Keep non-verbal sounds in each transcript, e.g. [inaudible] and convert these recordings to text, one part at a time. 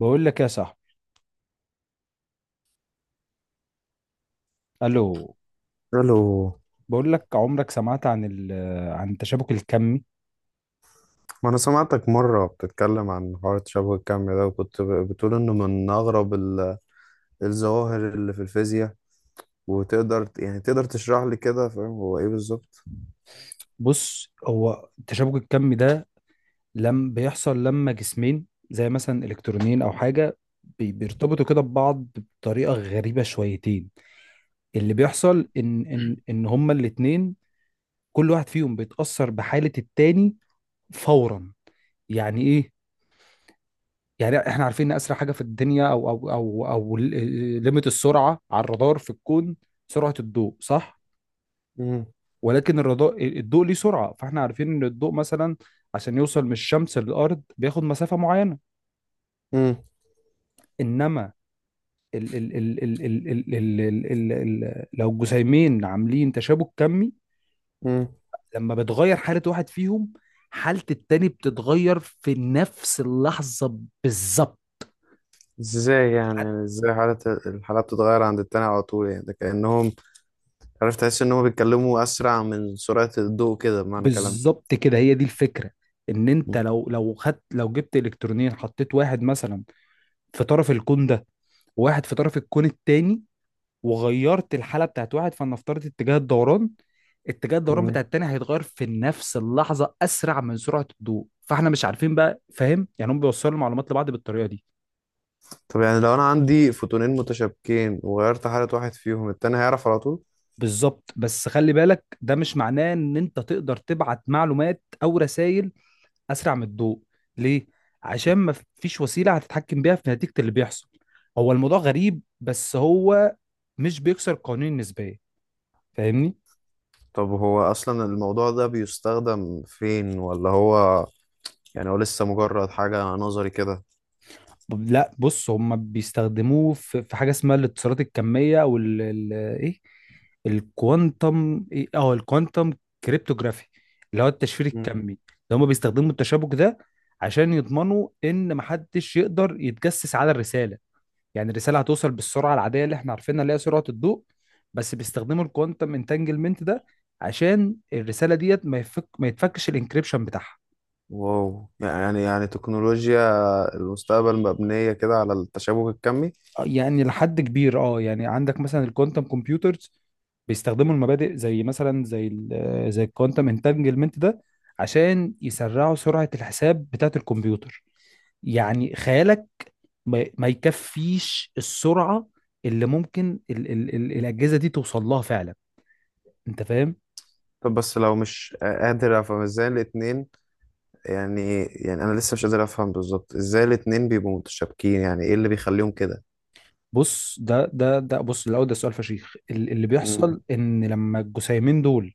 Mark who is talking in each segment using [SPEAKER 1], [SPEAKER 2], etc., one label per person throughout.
[SPEAKER 1] بقول لك يا صاحبي. الو.
[SPEAKER 2] الو.
[SPEAKER 1] بقول لك عمرك سمعت عن عن التشابك الكمي؟
[SPEAKER 2] ما انا سمعتك مره بتتكلم عن حوار تشابه الكم ده، وكنت بتقول انه من اغرب الظواهر اللي في الفيزياء. وتقدر يعني تقدر تشرح لي كده؟ فاهم هو ايه بالظبط؟
[SPEAKER 1] بص، هو التشابك الكمي ده لم بيحصل لما جسمين زي مثلا الكترونين او حاجه بيرتبطوا كده ببعض بطريقه غريبه شويتين. اللي بيحصل ان هما الاتنين كل واحد فيهم بيتاثر بحاله التاني فورا. يعني ايه؟ يعني احنا عارفين ان اسرع حاجه في الدنيا او ليميت السرعه على الرادار في الكون سرعه الضوء، صح؟
[SPEAKER 2] مم،
[SPEAKER 1] ولكن الرضاء الضوء ليه سرعه، فاحنا عارفين ان الضوء مثلا عشان يوصل من الشمس للارض بياخد مسافه معينه.
[SPEAKER 2] مم،
[SPEAKER 1] انما ال ال ال ال ال ال ال ال ال ال لو الجسيمين عاملين تشابك كمي،
[SPEAKER 2] مم.
[SPEAKER 1] لما بتغير حاله واحد فيهم حاله التاني بتتغير في نفس اللحظه بالظبط.
[SPEAKER 2] ازاي يعني ازاي الحالة بتتغير عند التاني على طول؟ يعني ده كأنهم، عارف، تحس انهم بيتكلموا اسرع من سرعة الضوء كده بمعنى كلام.
[SPEAKER 1] بالظبط كده، هي دي الفكره. ان انت
[SPEAKER 2] مم،
[SPEAKER 1] لو خدت، لو جبت الكترونين حطيت واحد مثلا في طرف الكون ده وواحد في طرف الكون التاني وغيرت الحاله بتاعت واحد، فلنفترض اتجاه الدوران، اتجاه الدوران
[SPEAKER 2] مم.
[SPEAKER 1] بتاع التاني هيتغير في نفس اللحظه اسرع من سرعه الضوء. فاحنا مش عارفين بقى، فاهم؟ يعني هم بيوصلوا المعلومات لبعض بالطريقه دي.
[SPEAKER 2] طب يعني لو انا عندي فوتونين متشابكين وغيرت حالة واحد فيهم، التاني هيعرف على طول؟
[SPEAKER 1] بالظبط، بس خلي بالك ده مش معناه ان انت تقدر تبعت معلومات او رسائل اسرع من الضوء. ليه؟ عشان ما فيش وسيله هتتحكم بيها في نتيجه اللي بيحصل. هو الموضوع غريب، بس هو مش بيكسر قانون النسبيه، فاهمني؟
[SPEAKER 2] طب هو أصلا الموضوع ده بيستخدم فين، ولا هو يعني هو لسه مجرد حاجة نظري كده؟
[SPEAKER 1] لا، بص، هم بيستخدموه في في حاجه اسمها الاتصالات الكميه وال ال- ايه، الكوانتم ايه، اه، الكوانتم كريبتوغرافي، اللي هو التشفير
[SPEAKER 2] مم.
[SPEAKER 1] الكمي. اللي هم بيستخدموا التشابك ده عشان يضمنوا ان محدش يقدر يتجسس على الرساله. يعني الرساله هتوصل بالسرعه العاديه اللي احنا عارفينها اللي هي سرعه الضوء، بس بيستخدموا الكوانتم انتانجلمنت ده عشان الرساله ديت ما يفك ما يتفكش الانكريبشن بتاعها.
[SPEAKER 2] واو، يعني تكنولوجيا المستقبل مبنية كده على التشابك الكمي؟
[SPEAKER 1] يعني لحد كبير اه، يعني عندك مثلا الكوانتم كمبيوترز بيستخدموا المبادئ زي مثلا زي ال آه، زي الكوانتم انتانجلمنت ده عشان يسرعوا سرعة الحساب بتاعة الكمبيوتر. يعني خيالك ما يكفيش السرعة اللي ممكن ال ال ال الأجهزة دي توصل لها فعلا. انت فاهم؟
[SPEAKER 2] طب بس لو مش قادر أفهم إزاي الاتنين، يعني أنا لسه مش قادر أفهم بالظبط إزاي الاتنين بيبقوا متشابكين، يعني إيه اللي بيخليهم كده؟
[SPEAKER 1] بص، ده ده ده بص الاول ده سؤال فشيخ اللي
[SPEAKER 2] مم.
[SPEAKER 1] بيحصل ان لما الجسيمين دول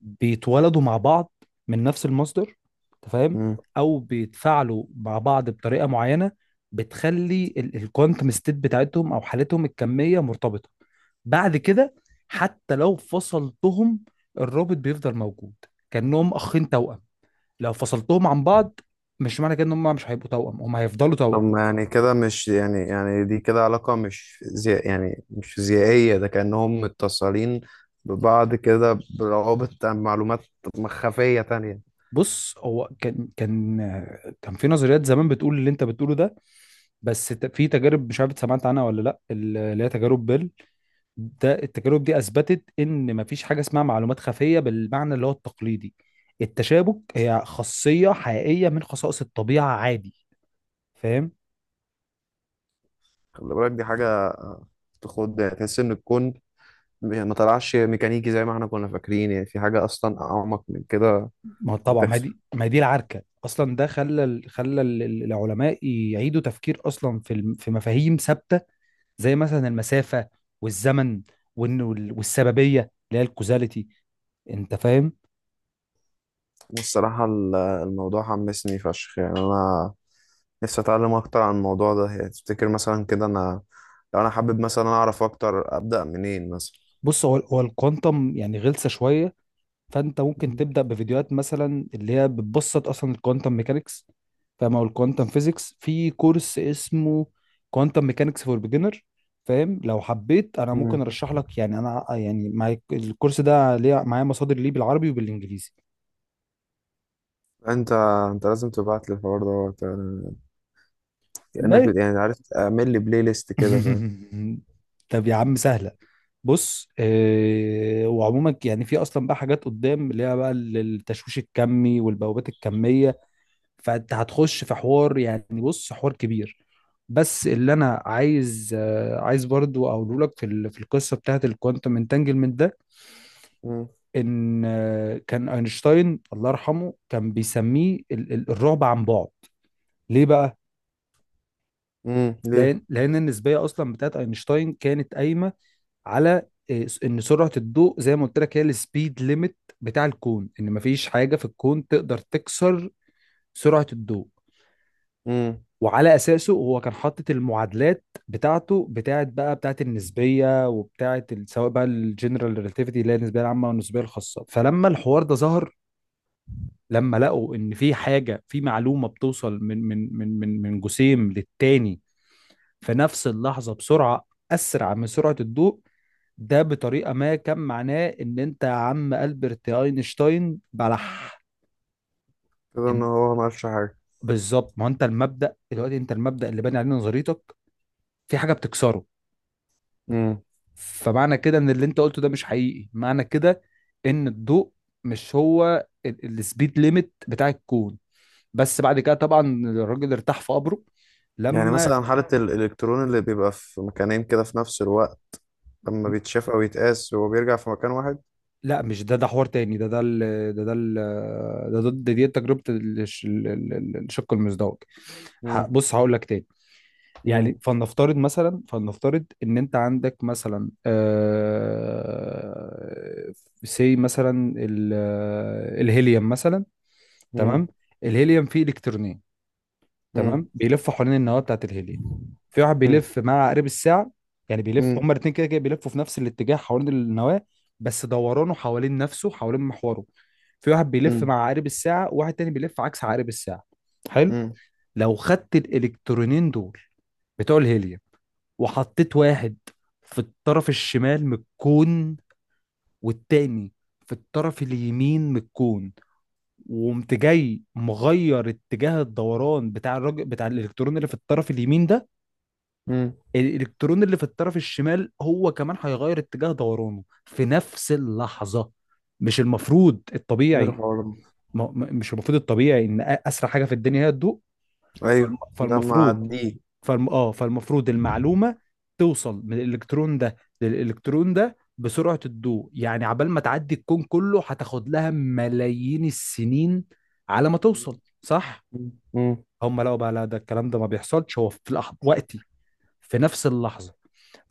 [SPEAKER 1] بيتولدوا مع بعض من نفس المصدر، انت فاهم،
[SPEAKER 2] مم.
[SPEAKER 1] او بيتفاعلوا مع بعض بطريقه معينه بتخلي الكوانتم ستيت بتاعتهم او حالتهم الكميه مرتبطه. بعد كده حتى لو فصلتهم الرابط بيفضل موجود، كانهم اخين توأم، لو فصلتهم عن بعض مش معنى كده ان هم مش هيبقوا توأم، هم هيفضلوا
[SPEAKER 2] طب
[SPEAKER 1] توأم.
[SPEAKER 2] ما يعني كده مش يعني دي كده علاقة مش زي يعني مش فيزيائية، ده كأنهم متصلين ببعض كده بروابط معلومات مخفية تانية.
[SPEAKER 1] بص، هو كان في نظريات زمان بتقول اللي انت بتقوله ده، بس في تجارب مش عارف سمعت عنها ولا لا، اللي هي تجارب بيل. ده التجارب دي اثبتت ان مفيش حاجه اسمها معلومات خفيه بالمعنى اللي هو التقليدي. التشابك هي خاصيه حقيقيه من خصائص الطبيعه عادي، فاهم؟
[SPEAKER 2] خلي بالك دي حاجة تخد، تحس إن الكون ما طلعش ميكانيكي زي ما احنا كنا فاكرين، يعني في حاجة أصلا أعمق من كده
[SPEAKER 1] ما هو طبعا،
[SPEAKER 2] بتحصل.
[SPEAKER 1] ما هي دي العركه اصلا. ده خلى العلماء يعيدوا تفكير اصلا في في مفاهيم ثابته، زي مثلا المسافه والزمن وإن- وال- والسببيه اللي هي الكوزاليتي، انت فاهم؟
[SPEAKER 2] والصراحة الموضوع حمسني فشخ، يعني أنا نفسي أتعلم أكتر عن الموضوع ده. يعني تفتكر مثلا كده أنا لو أنا حابب مثلا أعرف أكتر أبدأ منين مثلا؟
[SPEAKER 1] بص، هو الكوانتم يعني غلسه شويه، فانت ممكن تبدا بفيديوهات مثلا اللي هي بتبسط اصلا الكوانتم ميكانكس، فاهم، او الكوانتم فيزيكس، في كورس اسمه كوانتم ميكانكس فور بيجنر، فاهم؟ لو حبيت انا ممكن
[SPEAKER 2] مم.
[SPEAKER 1] ارشح لك، يعني انا يعني معايا الكورس ده، ليه معايا مصادر ليه بالعربي وبالانجليزي.
[SPEAKER 2] انت انت لازم تبعت لي الحوار دوت، يعني كأنك
[SPEAKER 1] ما
[SPEAKER 2] يعني عارف، اعمل لي بلاي ليست كده فاهم؟
[SPEAKER 1] [laughs] طب يا عم سهله. بص آه، وعموما يعني في اصلا بقى حاجات قدام اللي هي بقى التشويش الكمي والبوابات الكميه، فانت هتخش في حوار، يعني بص حوار كبير. بس اللي انا عايز عايز برضو اقوله لك في في القصه بتاعت الكوانتم انتانجلمنت ده
[SPEAKER 2] مم.
[SPEAKER 1] ان كان اينشتاين الله يرحمه كان بيسميه الرعب عن بعد. ليه بقى؟
[SPEAKER 2] مم. ليه؟
[SPEAKER 1] لان النسبيه اصلا بتاعت اينشتاين كانت قايمه على ان سرعه الضوء زي ما قلت لك هي السبيد ليميت بتاع الكون، ان مفيش حاجه في الكون تقدر تكسر سرعه الضوء.
[SPEAKER 2] مم.
[SPEAKER 1] وعلى اساسه هو كان حاطط المعادلات بتاعته، بتاعت بقى بتاعت النسبيه، وبتاعت سواء بقى الجنرال ريلاتيفيتي اللي هي النسبيه العامه والنسبيه الخاصه. فلما الحوار ده ظهر، لما لقوا ان في حاجه، في معلومه بتوصل من جسيم للتاني في نفس اللحظه بسرعه اسرع من سرعه الضوء، ده بطريقه ما كان معناه ان انت يا عم البرت اينشتاين بلح.
[SPEAKER 2] كده ان
[SPEAKER 1] إن-
[SPEAKER 2] هو ما عملش حاجه.
[SPEAKER 1] بالظبط، ما هو انت المبدا دلوقتي، انت المبدا اللي باني عليه نظريتك في حاجه بتكسره.
[SPEAKER 2] مم.
[SPEAKER 1] فمعنى كده ان اللي انت قلته ده مش حقيقي، معنى كده ان الضوء مش هو السبيد ليميت بتاع الكون. بس بعد كده طبعا الراجل ارتاح في قبره
[SPEAKER 2] يعني
[SPEAKER 1] لما...
[SPEAKER 2] مثلا حالة الإلكترون اللي بيبقى في مكانين كده في نفس الوقت لما بيتشاف أو يتقاس هو بيرجع في مكان واحد؟
[SPEAKER 1] لا مش ده، ده حوار تاني. ده ده ال... ده ده ال... ده ده ده- دي تجربة الشق المزدوج.
[SPEAKER 2] مم.
[SPEAKER 1] بص هقول لك تاني.
[SPEAKER 2] مم.
[SPEAKER 1] يعني فلنفترض مثلا، فلنفترض ان انت عندك مثلا سي مثلا الهيليوم مثلا.
[SPEAKER 2] مم.
[SPEAKER 1] تمام؟ الهيليوم فيه الكترونين،
[SPEAKER 2] مم.
[SPEAKER 1] تمام، بيلفوا حوالين النواه بتاعت الهيليوم. في واحد
[SPEAKER 2] مم.
[SPEAKER 1] بيلف مع عقارب الساعه، يعني بيلف،
[SPEAKER 2] مم.
[SPEAKER 1] هما الاثنين كده كده بيلفوا في نفس الاتجاه حوالين النواه، بس دورانه حوالين نفسه حوالين محوره في واحد بيلف
[SPEAKER 2] مم.
[SPEAKER 1] مع عقارب الساعه وواحد تاني بيلف عكس عقارب الساعه. حلو.
[SPEAKER 2] مم.
[SPEAKER 1] لو خدت الالكترونين دول بتوع الهيليوم وحطيت واحد في الطرف الشمال من الكون والتاني في الطرف اليمين من الكون، وقمت جاي مغير اتجاه الدوران بتاع الراجل بتاع الالكترون اللي في الطرف اليمين ده،
[SPEAKER 2] مم.
[SPEAKER 1] الالكترون اللي في الطرف الشمال هو كمان هيغير اتجاه دورانه في نفس اللحظة. مش المفروض
[SPEAKER 2] ايه
[SPEAKER 1] الطبيعي،
[SPEAKER 2] الحوار ده؟
[SPEAKER 1] مش المفروض الطبيعي ان اسرع حاجة في الدنيا هي الضوء؟
[SPEAKER 2] أيوه ده.
[SPEAKER 1] فالمفروض، فالمفروض المعلومة توصل من الالكترون ده للالكترون ده بسرعة الضوء، يعني عبال ما تعدي الكون كله هتاخد لها ملايين السنين على ما
[SPEAKER 2] معديه.
[SPEAKER 1] توصل، صح؟ هم لقوا بقى لا، ده الكلام ده ما بيحصلش، هو في لحظة وقتي، في نفس اللحظة.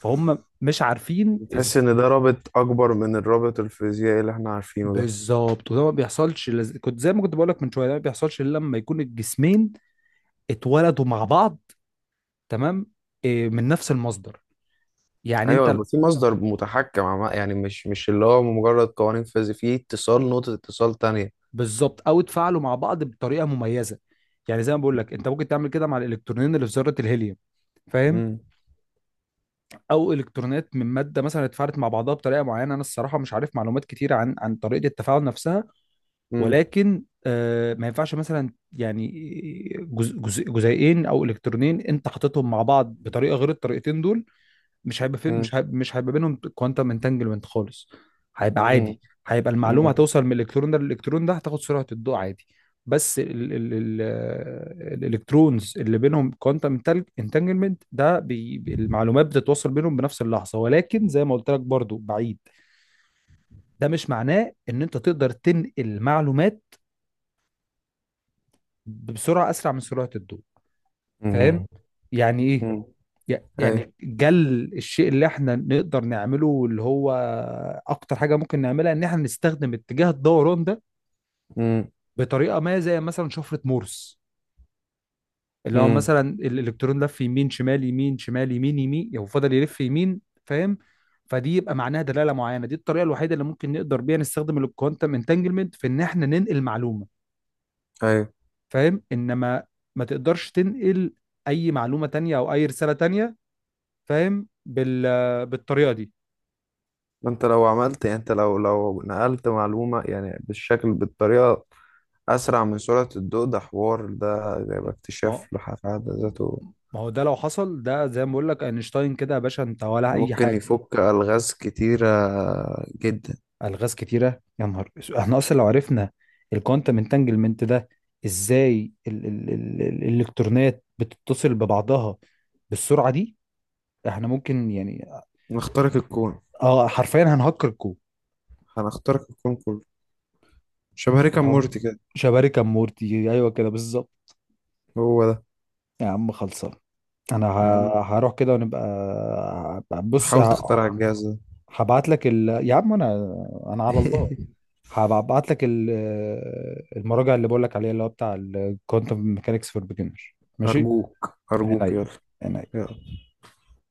[SPEAKER 1] فهم مش عارفين
[SPEAKER 2] تحس ان ده رابط اكبر من الرابط الفيزيائي اللي احنا عارفينه ده.
[SPEAKER 1] بالظبط. وده ما بيحصلش كنت زي ما كنت بقول لك من شوية، ده ما بيحصلش إلا لما يكون الجسمين اتولدوا مع بعض، تمام، إيه، من نفس المصدر، يعني
[SPEAKER 2] ايوه،
[SPEAKER 1] أنت.
[SPEAKER 2] يبقى في مصدر متحكم يعني مش اللي هو مجرد قوانين فيزياء، في اتصال نقطة اتصال تانية.
[SPEAKER 1] بالظبط، أو اتفاعلوا مع بعض بطريقة مميزة. يعني زي ما بقول لك انت ممكن تعمل كده مع الالكترونين اللي في ذره الهيليوم، فاهم،
[SPEAKER 2] امم.
[SPEAKER 1] او الكترونات من ماده مثلا اتفاعلت مع بعضها بطريقه معينه. انا الصراحه مش عارف معلومات كتير عن عن طريقه التفاعل نفسها.
[SPEAKER 2] امم.
[SPEAKER 1] ولكن ما ينفعش مثلا يعني جزء جزء جزيئين او الكترونين انت حاططهم مع بعض بطريقه غير الطريقتين دول، مش هيبقى في،
[SPEAKER 2] امم.
[SPEAKER 1] مش هيبقى بينهم كوانتم انتانجلمنت خالص، هيبقى
[SPEAKER 2] امم.
[SPEAKER 1] عادي، هيبقى المعلومه
[SPEAKER 2] امم.
[SPEAKER 1] هتوصل من الالكترون ده للالكترون ده هتاخد سرعه الضوء عادي. بس ال ال ال الالكترونز اللي بينهم كوانتم انتانجلمنت ده بي المعلومات بتتوصل بينهم بنفس اللحظه، ولكن زي ما قلت لك برضو بعيد، ده مش معناه ان انت تقدر تنقل معلومات بسرعة أسرع من سرعة الضوء،
[SPEAKER 2] امم.
[SPEAKER 1] فاهم؟ يعني إيه؟
[SPEAKER 2] امم. ايوه.
[SPEAKER 1] يعني جل الشيء اللي احنا نقدر نعمله اللي هو أكتر حاجة ممكن نعملها إن احنا نستخدم اتجاه الدوران ده
[SPEAKER 2] امم.
[SPEAKER 1] بطريقة ما زي مثلا شفرة مورس، اللي هو
[SPEAKER 2] امم.
[SPEAKER 1] مثلا الإلكترون لف يمين شمال يمين شمال يمين يمين، يعني هو فضل يلف يمين، فاهم؟ فدي يبقى معناها دلالة معينة. دي الطريقة الوحيدة اللي ممكن نقدر بيها نستخدم الكوانتم انتانجلمنت في إن احنا ننقل معلومة،
[SPEAKER 2] ايوه.
[SPEAKER 1] فاهم؟ إنما ما تقدرش تنقل أي معلومة تانية أو أي رسالة تانية، فاهم؟ بالطريقه دي.
[SPEAKER 2] ما انت لو عملت، يعني انت لو نقلت معلومة يعني بالشكل بالطريقة اسرع من سرعة الضوء، ده حوار ده يبقى
[SPEAKER 1] ما هو
[SPEAKER 2] اكتشاف في حد ذاته.
[SPEAKER 1] ما هو ده لو حصل، ده زي ما بقول لك، اينشتاين كده يا باشا انت ولا
[SPEAKER 2] ده
[SPEAKER 1] اي
[SPEAKER 2] ممكن
[SPEAKER 1] حاجه.
[SPEAKER 2] يفك الغاز كتيرة جدا.
[SPEAKER 1] الغاز كتيره يا نهار أسود. احنا اصلا لو عرفنا الكوانتم انتانجلمنت ده ازاي الالكترونات بتتصل ببعضها بالسرعه دي، احنا ممكن يعني،
[SPEAKER 2] نخترق الكون.
[SPEAKER 1] اه حرفيا هنهكر الكون.
[SPEAKER 2] هنخترق الكون كله. شبه ريكا
[SPEAKER 1] فحوار
[SPEAKER 2] مورتي كده.
[SPEAKER 1] شباري كمورتي، ايوه كده بالظبط.
[SPEAKER 2] هو ده.
[SPEAKER 1] يا عم خلصان. انا
[SPEAKER 2] يا عم
[SPEAKER 1] هروح كده ونبقى بص.
[SPEAKER 2] حاول تخترع الجهاز ده.
[SPEAKER 1] هبعت لك يا عم انا، انا على الله،
[SPEAKER 2] [laughs]
[SPEAKER 1] هبعت لك المراجع اللي بقول لك عليها اللي هو بتاع الكوانتم ميكانكس فور بيجنر، ماشي؟
[SPEAKER 2] أرجوك أرجوك
[SPEAKER 1] عينيا،
[SPEAKER 2] يلا.
[SPEAKER 1] عينيا.
[SPEAKER 2] يلا.